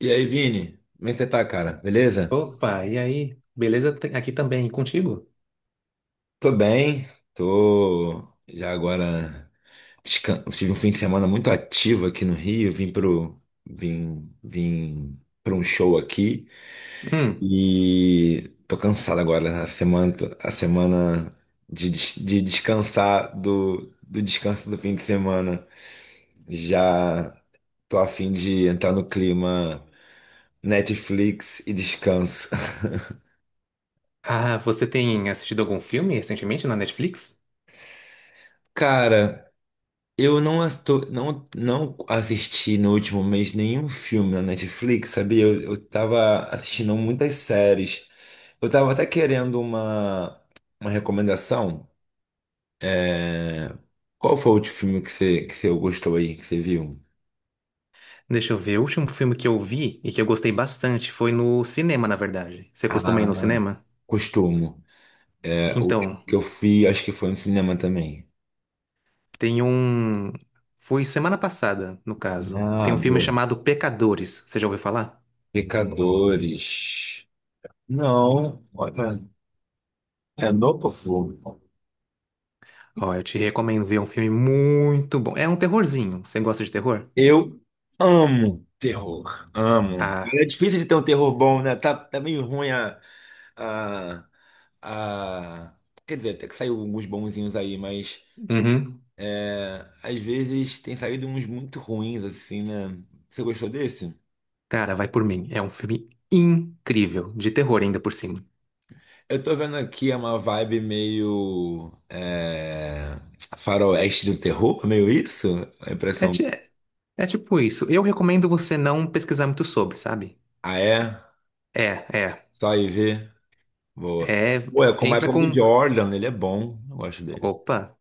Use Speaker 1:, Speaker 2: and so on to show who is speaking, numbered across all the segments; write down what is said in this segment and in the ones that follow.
Speaker 1: E aí, Vini, como é que você tá, cara? Beleza?
Speaker 2: Opa, e aí? Beleza. Aqui também, e contigo?
Speaker 1: Tô bem, tô já agora. Tive um fim de semana muito ativo aqui no Rio, vim pra um show aqui
Speaker 2: Hum.
Speaker 1: e tô cansado agora. A semana de descansar do descanso do fim de semana. Já tô a fim de entrar no clima Netflix e descanso.
Speaker 2: Ah, você tem assistido algum filme recentemente na Netflix?
Speaker 1: Cara. Eu não, asto- não, não assisti no último mês nenhum filme na Netflix, sabia? Eu tava assistindo muitas séries. Eu tava até querendo uma recomendação. É, Qual foi o último filme que você gostou aí, que você viu?
Speaker 2: Deixa eu ver, o último filme que eu vi e que eu gostei bastante foi no cinema, na verdade. Você costuma ir no
Speaker 1: Ah,
Speaker 2: cinema?
Speaker 1: costumo. É, o último
Speaker 2: Então,
Speaker 1: que eu fui, acho que foi no cinema também.
Speaker 2: tem um. Foi semana passada, no caso. Tem
Speaker 1: Ah,
Speaker 2: um filme
Speaker 1: boa.
Speaker 2: chamado Pecadores. Você já ouviu falar?
Speaker 1: Pecadores. Não, olha, é novo filme.
Speaker 2: Ó, eu te recomendo ver, é um filme muito bom. É um terrorzinho. Você gosta de terror?
Speaker 1: Eu amo terror, amo. E
Speaker 2: Ah,
Speaker 1: é difícil de ter um terror bom, né? Tá meio ruim a, a- quer dizer, até que saiu alguns bonzinhos aí, mas
Speaker 2: uhum.
Speaker 1: é, às vezes tem saído uns muito ruins, assim, né? Você gostou desse?
Speaker 2: Cara, vai por mim. É um filme incrível, de terror ainda por cima.
Speaker 1: Eu tô vendo aqui é uma vibe meio faroeste do terror, meio isso? A
Speaker 2: É,
Speaker 1: impressão.
Speaker 2: ti- é, É tipo isso. Eu recomendo você não pesquisar muito sobre, sabe?
Speaker 1: Ah, é?
Speaker 2: É, é.
Speaker 1: Só aí ver. Boa.
Speaker 2: É.
Speaker 1: Ué, com o
Speaker 2: Entra
Speaker 1: Michael B.
Speaker 2: com.
Speaker 1: Jordan, ele é bom. Eu gosto dele.
Speaker 2: Opa!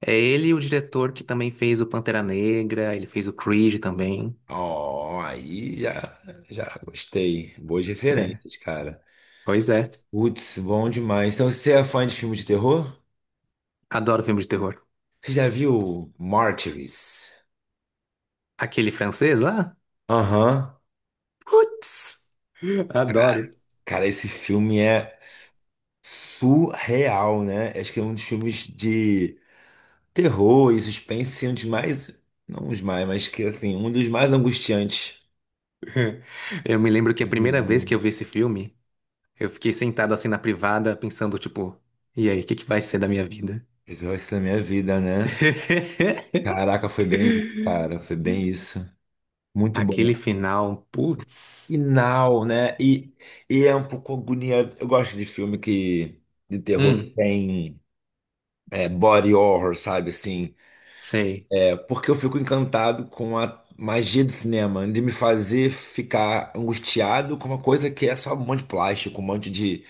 Speaker 2: É ele o diretor que também fez o Pantera Negra, ele fez o Creed também.
Speaker 1: Ó, já gostei. Boas
Speaker 2: É.
Speaker 1: referências, cara.
Speaker 2: Pois é.
Speaker 1: Putz, bom demais. Então, você é fã de filme de terror?
Speaker 2: Adoro filme de terror.
Speaker 1: Você já viu Martyrs?
Speaker 2: Aquele francês lá?
Speaker 1: Aham.
Speaker 2: Putz! Adoro.
Speaker 1: Cara, esse filme é surreal, né? Acho que é um dos filmes de terror e suspense, assim, um dos mais. Não os mais, mas que assim, um dos mais angustiantes
Speaker 2: Eu me lembro que
Speaker 1: que
Speaker 2: a
Speaker 1: eu
Speaker 2: primeira vez
Speaker 1: vi.
Speaker 2: que eu vi esse filme, eu fiquei sentado assim na privada, pensando, tipo, e aí, o que que vai ser da minha vida?
Speaker 1: Que eu minha vida, né? Caraca, foi bem isso, cara. Foi bem isso. Muito bom.
Speaker 2: Aquele final, putz.
Speaker 1: E Now, né? E é um pouco agoniante. Eu gosto de filme que de terror que
Speaker 2: Hum,
Speaker 1: tem body horror, sabe? Assim,
Speaker 2: sei.
Speaker 1: é porque eu fico encantado com a magia do cinema, de me fazer ficar angustiado com uma coisa que é só um monte de plástico, um monte de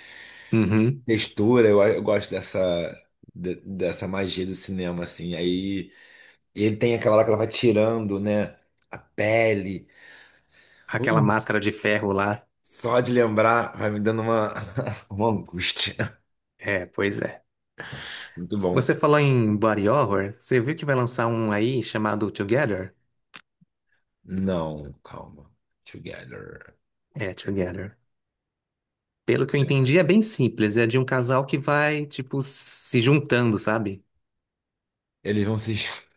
Speaker 2: Uhum.
Speaker 1: textura. Eu gosto dessa dessa magia do cinema, assim. Aí ele tem aquela hora que ela vai tirando, né? A pele.
Speaker 2: Aquela
Speaker 1: Ui,
Speaker 2: máscara de ferro lá.
Speaker 1: só de lembrar vai me dando uma angústia.
Speaker 2: É, pois é.
Speaker 1: Muito bom.
Speaker 2: Você falou em body horror, você viu que vai lançar um aí chamado Together?
Speaker 1: Não, calma. Together.
Speaker 2: É, Together. Pelo que eu entendi, é bem simples. É de um casal que vai, tipo, se juntando, sabe?
Speaker 1: Eles vão se. Ch-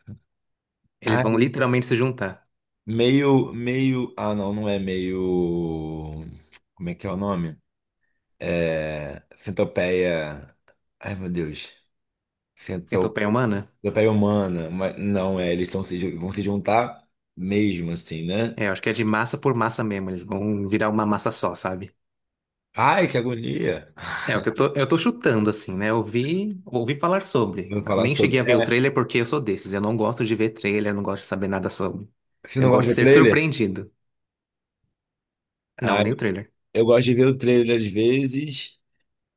Speaker 2: Eles vão
Speaker 1: Ai,
Speaker 2: literalmente se juntar.
Speaker 1: meio, meio. Ah, não, não é meio. Como é que é o nome? É. Centopeia. Ai, meu Deus. Cento...
Speaker 2: Centopeia humana?
Speaker 1: Centopeia humana. Mas não, é. Eles estão se... ju- vão se juntar mesmo, assim, né?
Speaker 2: É, eu acho que é de massa por massa mesmo. Eles vão virar uma massa só, sabe?
Speaker 1: Ai, que agonia.
Speaker 2: É, é o que eu tô chutando, assim, né? Eu ouvi falar sobre.
Speaker 1: Vou falar
Speaker 2: Nem cheguei
Speaker 1: sobre.
Speaker 2: a ver o
Speaker 1: É.
Speaker 2: trailer porque eu sou desses. Eu não gosto de ver trailer, não gosto de saber nada sobre.
Speaker 1: Você
Speaker 2: Eu
Speaker 1: não
Speaker 2: gosto
Speaker 1: gosta
Speaker 2: de
Speaker 1: do
Speaker 2: ser
Speaker 1: trailer?
Speaker 2: surpreendido. Não,
Speaker 1: Ai,
Speaker 2: nem o trailer.
Speaker 1: eu gosto de ver o trailer às vezes.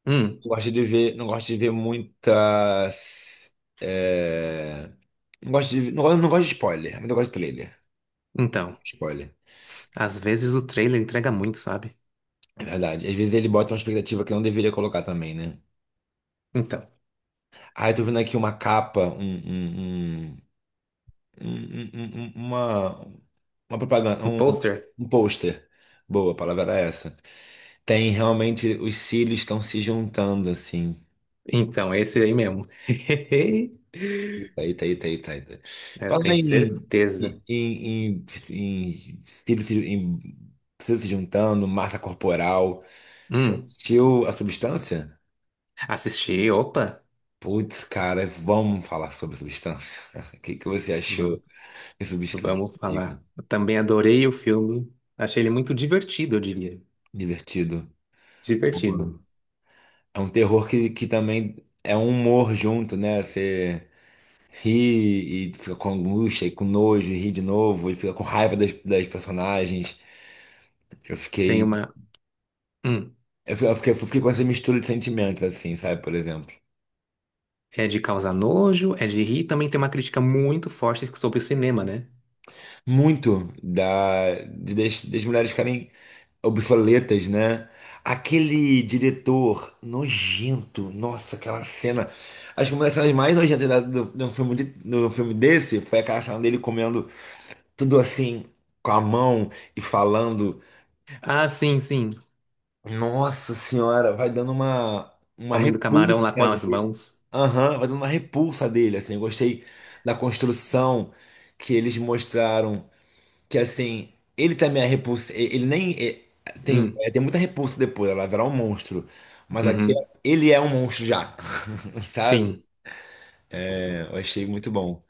Speaker 2: Hum,
Speaker 1: Não gosto de ver, não gosto de ver muitas. é, Não gosto de, não gosto de spoiler, mas eu gosto de trailer.
Speaker 2: então.
Speaker 1: Spoiler.
Speaker 2: Às vezes o trailer entrega muito, sabe?
Speaker 1: É verdade. Às vezes ele bota uma expectativa que eu não deveria colocar também, né?
Speaker 2: Então.
Speaker 1: Ah, eu tô vendo aqui uma capa, um- um- um- um, uma, uma propaganda,
Speaker 2: Um pôster?
Speaker 1: um pôster. Boa, a palavra era essa. Tem realmente, os cílios estão se juntando, assim.
Speaker 2: Então, esse aí mesmo.
Speaker 1: Eita, eita, eita, eita. Eita.
Speaker 2: É, eu
Speaker 1: Falar
Speaker 2: tenho certeza.
Speaker 1: em, em, estilo estilo se juntando, massa corporal. Você
Speaker 2: Hum,
Speaker 1: assistiu a Substância?
Speaker 2: assisti, opa.
Speaker 1: Putz, cara, vamos falar sobre Substância. Que você
Speaker 2: Hum,
Speaker 1: achou de Substância?
Speaker 2: Vamos
Speaker 1: Diga.
Speaker 2: falar. Eu também adorei o filme. Achei ele muito divertido, eu diria.
Speaker 1: Divertido.
Speaker 2: Divertido.
Speaker 1: Boa. É um terror que também é um humor junto, né? Você ri e fica com angústia e com nojo, e ri de novo, e fica com raiva das personagens. Eu
Speaker 2: Tem
Speaker 1: fiquei.
Speaker 2: uma. Hum,
Speaker 1: Eu fiquei com essa mistura de sentimentos, assim, sabe? Por exemplo.
Speaker 2: é de causar nojo, é de rir. Também tem uma crítica muito forte sobre o cinema, né?
Speaker 1: Muito das mulheres ficarem obsoletas, né? Aquele diretor nojento, nossa, aquela cena. Acho que uma das cenas mais nojentas do filme do filme desse foi aquela cena dele comendo tudo assim, com a mão e falando.
Speaker 2: Ah, sim, sim.
Speaker 1: Nossa senhora, vai dando uma
Speaker 2: Comendo camarão lá com
Speaker 1: repulsa
Speaker 2: as
Speaker 1: dele.
Speaker 2: mãos.
Speaker 1: Aham, vai dando uma repulsa dele, assim. Eu gostei da construção que eles mostraram, que assim, ele também é repulsa, ele nem é,
Speaker 2: Hum,
Speaker 1: tem muita repulsa depois, ela virar um monstro. Mas aqui
Speaker 2: uhum.
Speaker 1: ele é um monstro já, sabe?
Speaker 2: Sim,
Speaker 1: É, eu achei muito bom.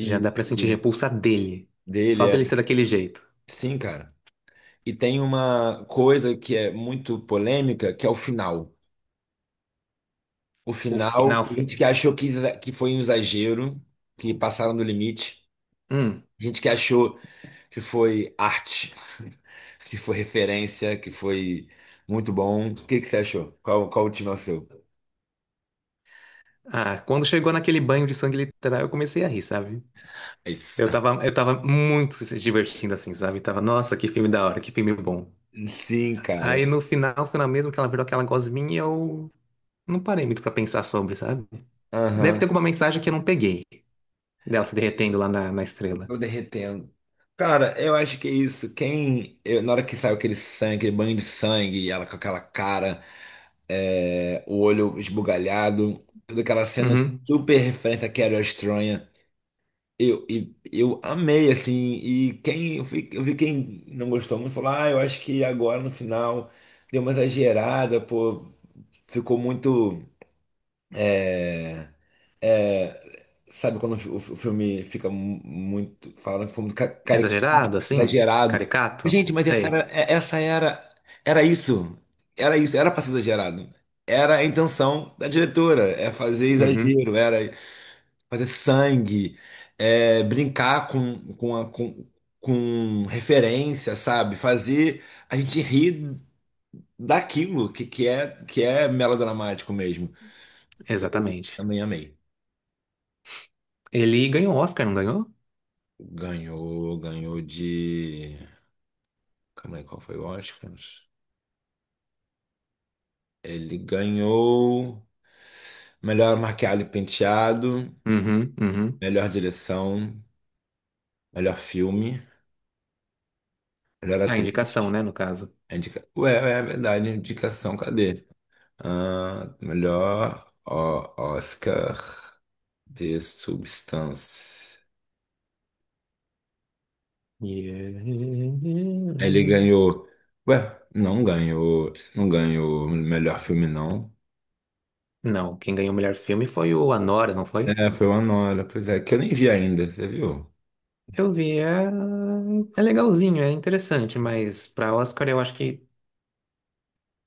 Speaker 2: já dá pra sentir
Speaker 1: e
Speaker 2: repulsa dele.
Speaker 1: dele
Speaker 2: Só
Speaker 1: é,
Speaker 2: dele ser daquele jeito.
Speaker 1: sim, cara. E tem uma coisa que é muito polêmica, que é o final. O
Speaker 2: O
Speaker 1: final,
Speaker 2: final,
Speaker 1: tem
Speaker 2: filho.
Speaker 1: gente que achou que foi um exagero, que passaram do limite.
Speaker 2: Hum.
Speaker 1: Gente que achou que foi arte, que foi referência, que foi muito bom. O que que você achou? Qual o time é o seu?
Speaker 2: Ah, quando chegou naquele banho de sangue literal, eu comecei a rir, sabe?
Speaker 1: É isso.
Speaker 2: Eu tava muito se divertindo assim, sabe? Tava, nossa, que filme da hora, que filme bom.
Speaker 1: Sim, cara.
Speaker 2: Aí no final, final mesmo que ela virou aquela gosminha, eu não parei muito pra pensar sobre, sabe? Deve ter
Speaker 1: Aham.
Speaker 2: alguma mensagem que eu não peguei. Dela se derretendo lá na, na estrela.
Speaker 1: Tô derretendo. Cara, eu acho que é isso. Na hora que saiu aquele sangue, aquele banho de sangue, e ela com aquela cara, o olho esbugalhado, toda aquela cena
Speaker 2: Uhum.
Speaker 1: super referência que era estranha. Eu amei, assim, e quem, eu vi quem não gostou muito falou, ah, eu acho que agora no final deu uma exagerada, pô, ficou muito, sabe quando o filme fica muito, falando que foi muito
Speaker 2: Exagerado,
Speaker 1: caricato,
Speaker 2: assim?
Speaker 1: exagerado.
Speaker 2: Caricato?
Speaker 1: Gente, mas essa era,
Speaker 2: Sei.
Speaker 1: é- essa era, era isso, era isso, era pra ser exagerado. Era a intenção da diretora, é fazer
Speaker 2: Uhum.
Speaker 1: exagero, era, fazer sangue, é, brincar com referência, sabe? Fazer a gente rir daquilo que é melodramático mesmo.
Speaker 2: Exatamente.
Speaker 1: Também amei.
Speaker 2: Ele ganhou o Oscar, não ganhou?
Speaker 1: Ganhou, ganhou de. Calma aí, qual foi o Oscar? Ele ganhou melhor maquiagem e penteado,
Speaker 2: Uhum. Uhum.
Speaker 1: melhor direção, melhor filme, melhor
Speaker 2: A indicação,
Speaker 1: atriz.
Speaker 2: né, no caso.
Speaker 1: Ué, é verdade, indicação, cadê? Ah, melhor ó, Oscar de substância.
Speaker 2: Yeah.
Speaker 1: Ele ganhou. Ué, não ganhou. Não ganhou melhor filme, não.
Speaker 2: Não, quem ganhou o melhor filme foi o Anora, não foi?
Speaker 1: É, foi o Anora. Pois é, que eu nem vi ainda, você viu?
Speaker 2: Eu vi, é, é legalzinho, é interessante, mas pra Oscar eu acho que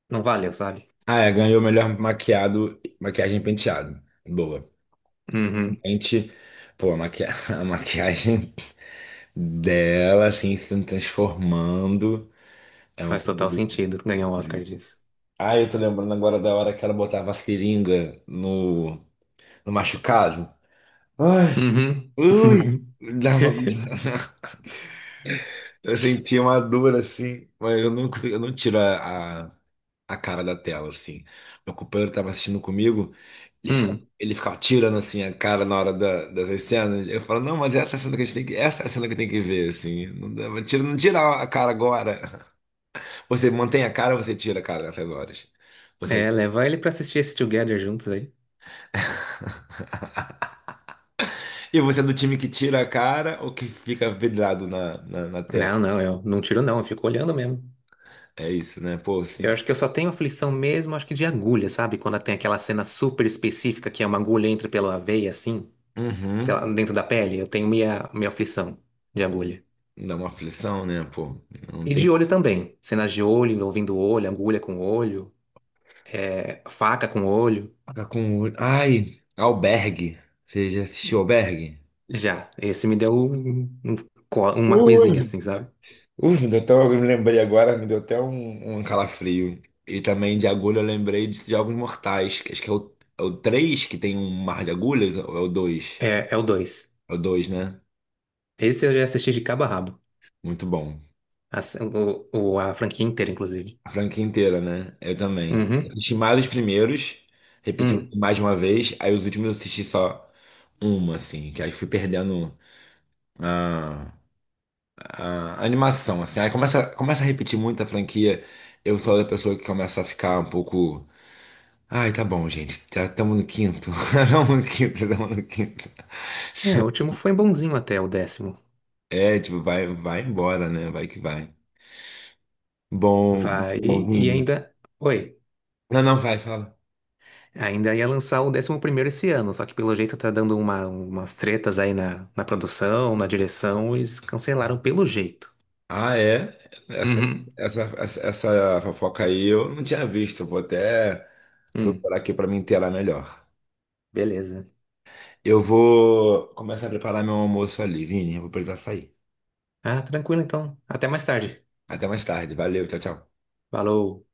Speaker 2: não valeu, sabe?
Speaker 1: Ah, é, ganhou o melhor maquiado, maquiagem e penteado. Boa.
Speaker 2: Uhum.
Speaker 1: Gente, pô, maqui... a maquiagem dela, assim, se transformando. É uma
Speaker 2: Faz
Speaker 1: coisa
Speaker 2: total
Speaker 1: muito-
Speaker 2: sentido ganhar o Oscar disso.
Speaker 1: Ah, eu tô lembrando agora da hora que ela botava a seringa no machucado. Ai,
Speaker 2: Uhum.
Speaker 1: ui, dava- eu sentia uma dor assim, mas eu não tiro a cara da tela, assim. Meu companheiro estava assistindo comigo,
Speaker 2: Uhum.
Speaker 1: ele ficava tirando assim a cara na hora dessas cenas. Eu falo, não, mas essa é a cena que a gente tem que, essa é a cena que tem que ver, assim. Não, não tira, não tira a cara agora. Você mantém a cara ou você tira a cara nessas horas? Você,
Speaker 2: É, leva ele pra assistir esse Together juntos aí.
Speaker 1: e você é do time que tira a cara ou que fica vidrado na tela?
Speaker 2: Não, não, eu não tiro não, eu fico olhando mesmo.
Speaker 1: É isso, né? Pô,
Speaker 2: Eu
Speaker 1: cine-
Speaker 2: acho que eu só tenho aflição mesmo, acho que de agulha, sabe? Quando tem aquela cena super específica que é uma agulha entra pela veia assim,
Speaker 1: Uhum.
Speaker 2: pela- dentro da pele, eu tenho minha aflição de agulha.
Speaker 1: Dá uma aflição, né, pô? Não
Speaker 2: E
Speaker 1: tem
Speaker 2: de olho
Speaker 1: como
Speaker 2: também. Cenas de olho, envolvendo olho, agulha com olho, é, faca com olho.
Speaker 1: ai, Albergue. Você já assistiu Albergue?
Speaker 2: Já, esse me deu uma coisinha
Speaker 1: Ui,
Speaker 2: assim, sabe?
Speaker 1: ui, me deu até, um, eu me lembrei agora, me deu até um calafrio. E também de agulha eu lembrei de Jogos Mortais. Que Acho que é é o 3 que tem um mar de agulhas, ou é o dois.
Speaker 2: É, é o 2.
Speaker 1: É o 2, né?
Speaker 2: Esse eu já assisti de cabo a rabo.
Speaker 1: Muito bom.
Speaker 2: A, o, a franquia inteira, inclusive.
Speaker 1: A franquia inteira, né? Eu também. Eu
Speaker 2: Uhum.
Speaker 1: assisti mais os primeiros, repeti
Speaker 2: Hum.
Speaker 1: mais de uma vez, aí os últimos eu assisti só uma, assim, que aí fui perdendo. Ah. A animação, assim. Aí começa a repetir muito a franquia. Eu sou a pessoa que começa a ficar um pouco. Ai, tá bom, gente. Já estamos no quinto. Estamos no quinto.
Speaker 2: É, o último foi bonzinho até o 10º.
Speaker 1: É, tipo, vai embora, né? Vai que vai. Bom,
Speaker 2: Vai
Speaker 1: bom,
Speaker 2: e
Speaker 1: Vini.
Speaker 2: ainda. Oi.
Speaker 1: Não, não, vai, fala.
Speaker 2: Ainda ia lançar o 11º esse ano, só que pelo jeito tá dando umas tretas aí na, na produção, na direção, eles cancelaram pelo jeito.
Speaker 1: Ah, é? Essa,
Speaker 2: Uhum.
Speaker 1: essa, essa, essa fofoca aí eu não tinha visto. Eu vou até
Speaker 2: Hum,
Speaker 1: procurar aqui pra me inteirar melhor.
Speaker 2: beleza.
Speaker 1: Eu vou começar a preparar meu almoço ali, Vini. Eu vou precisar sair.
Speaker 2: Ah, tranquilo então. Até mais tarde.
Speaker 1: Até mais tarde. Valeu, tchau, tchau.
Speaker 2: Falou.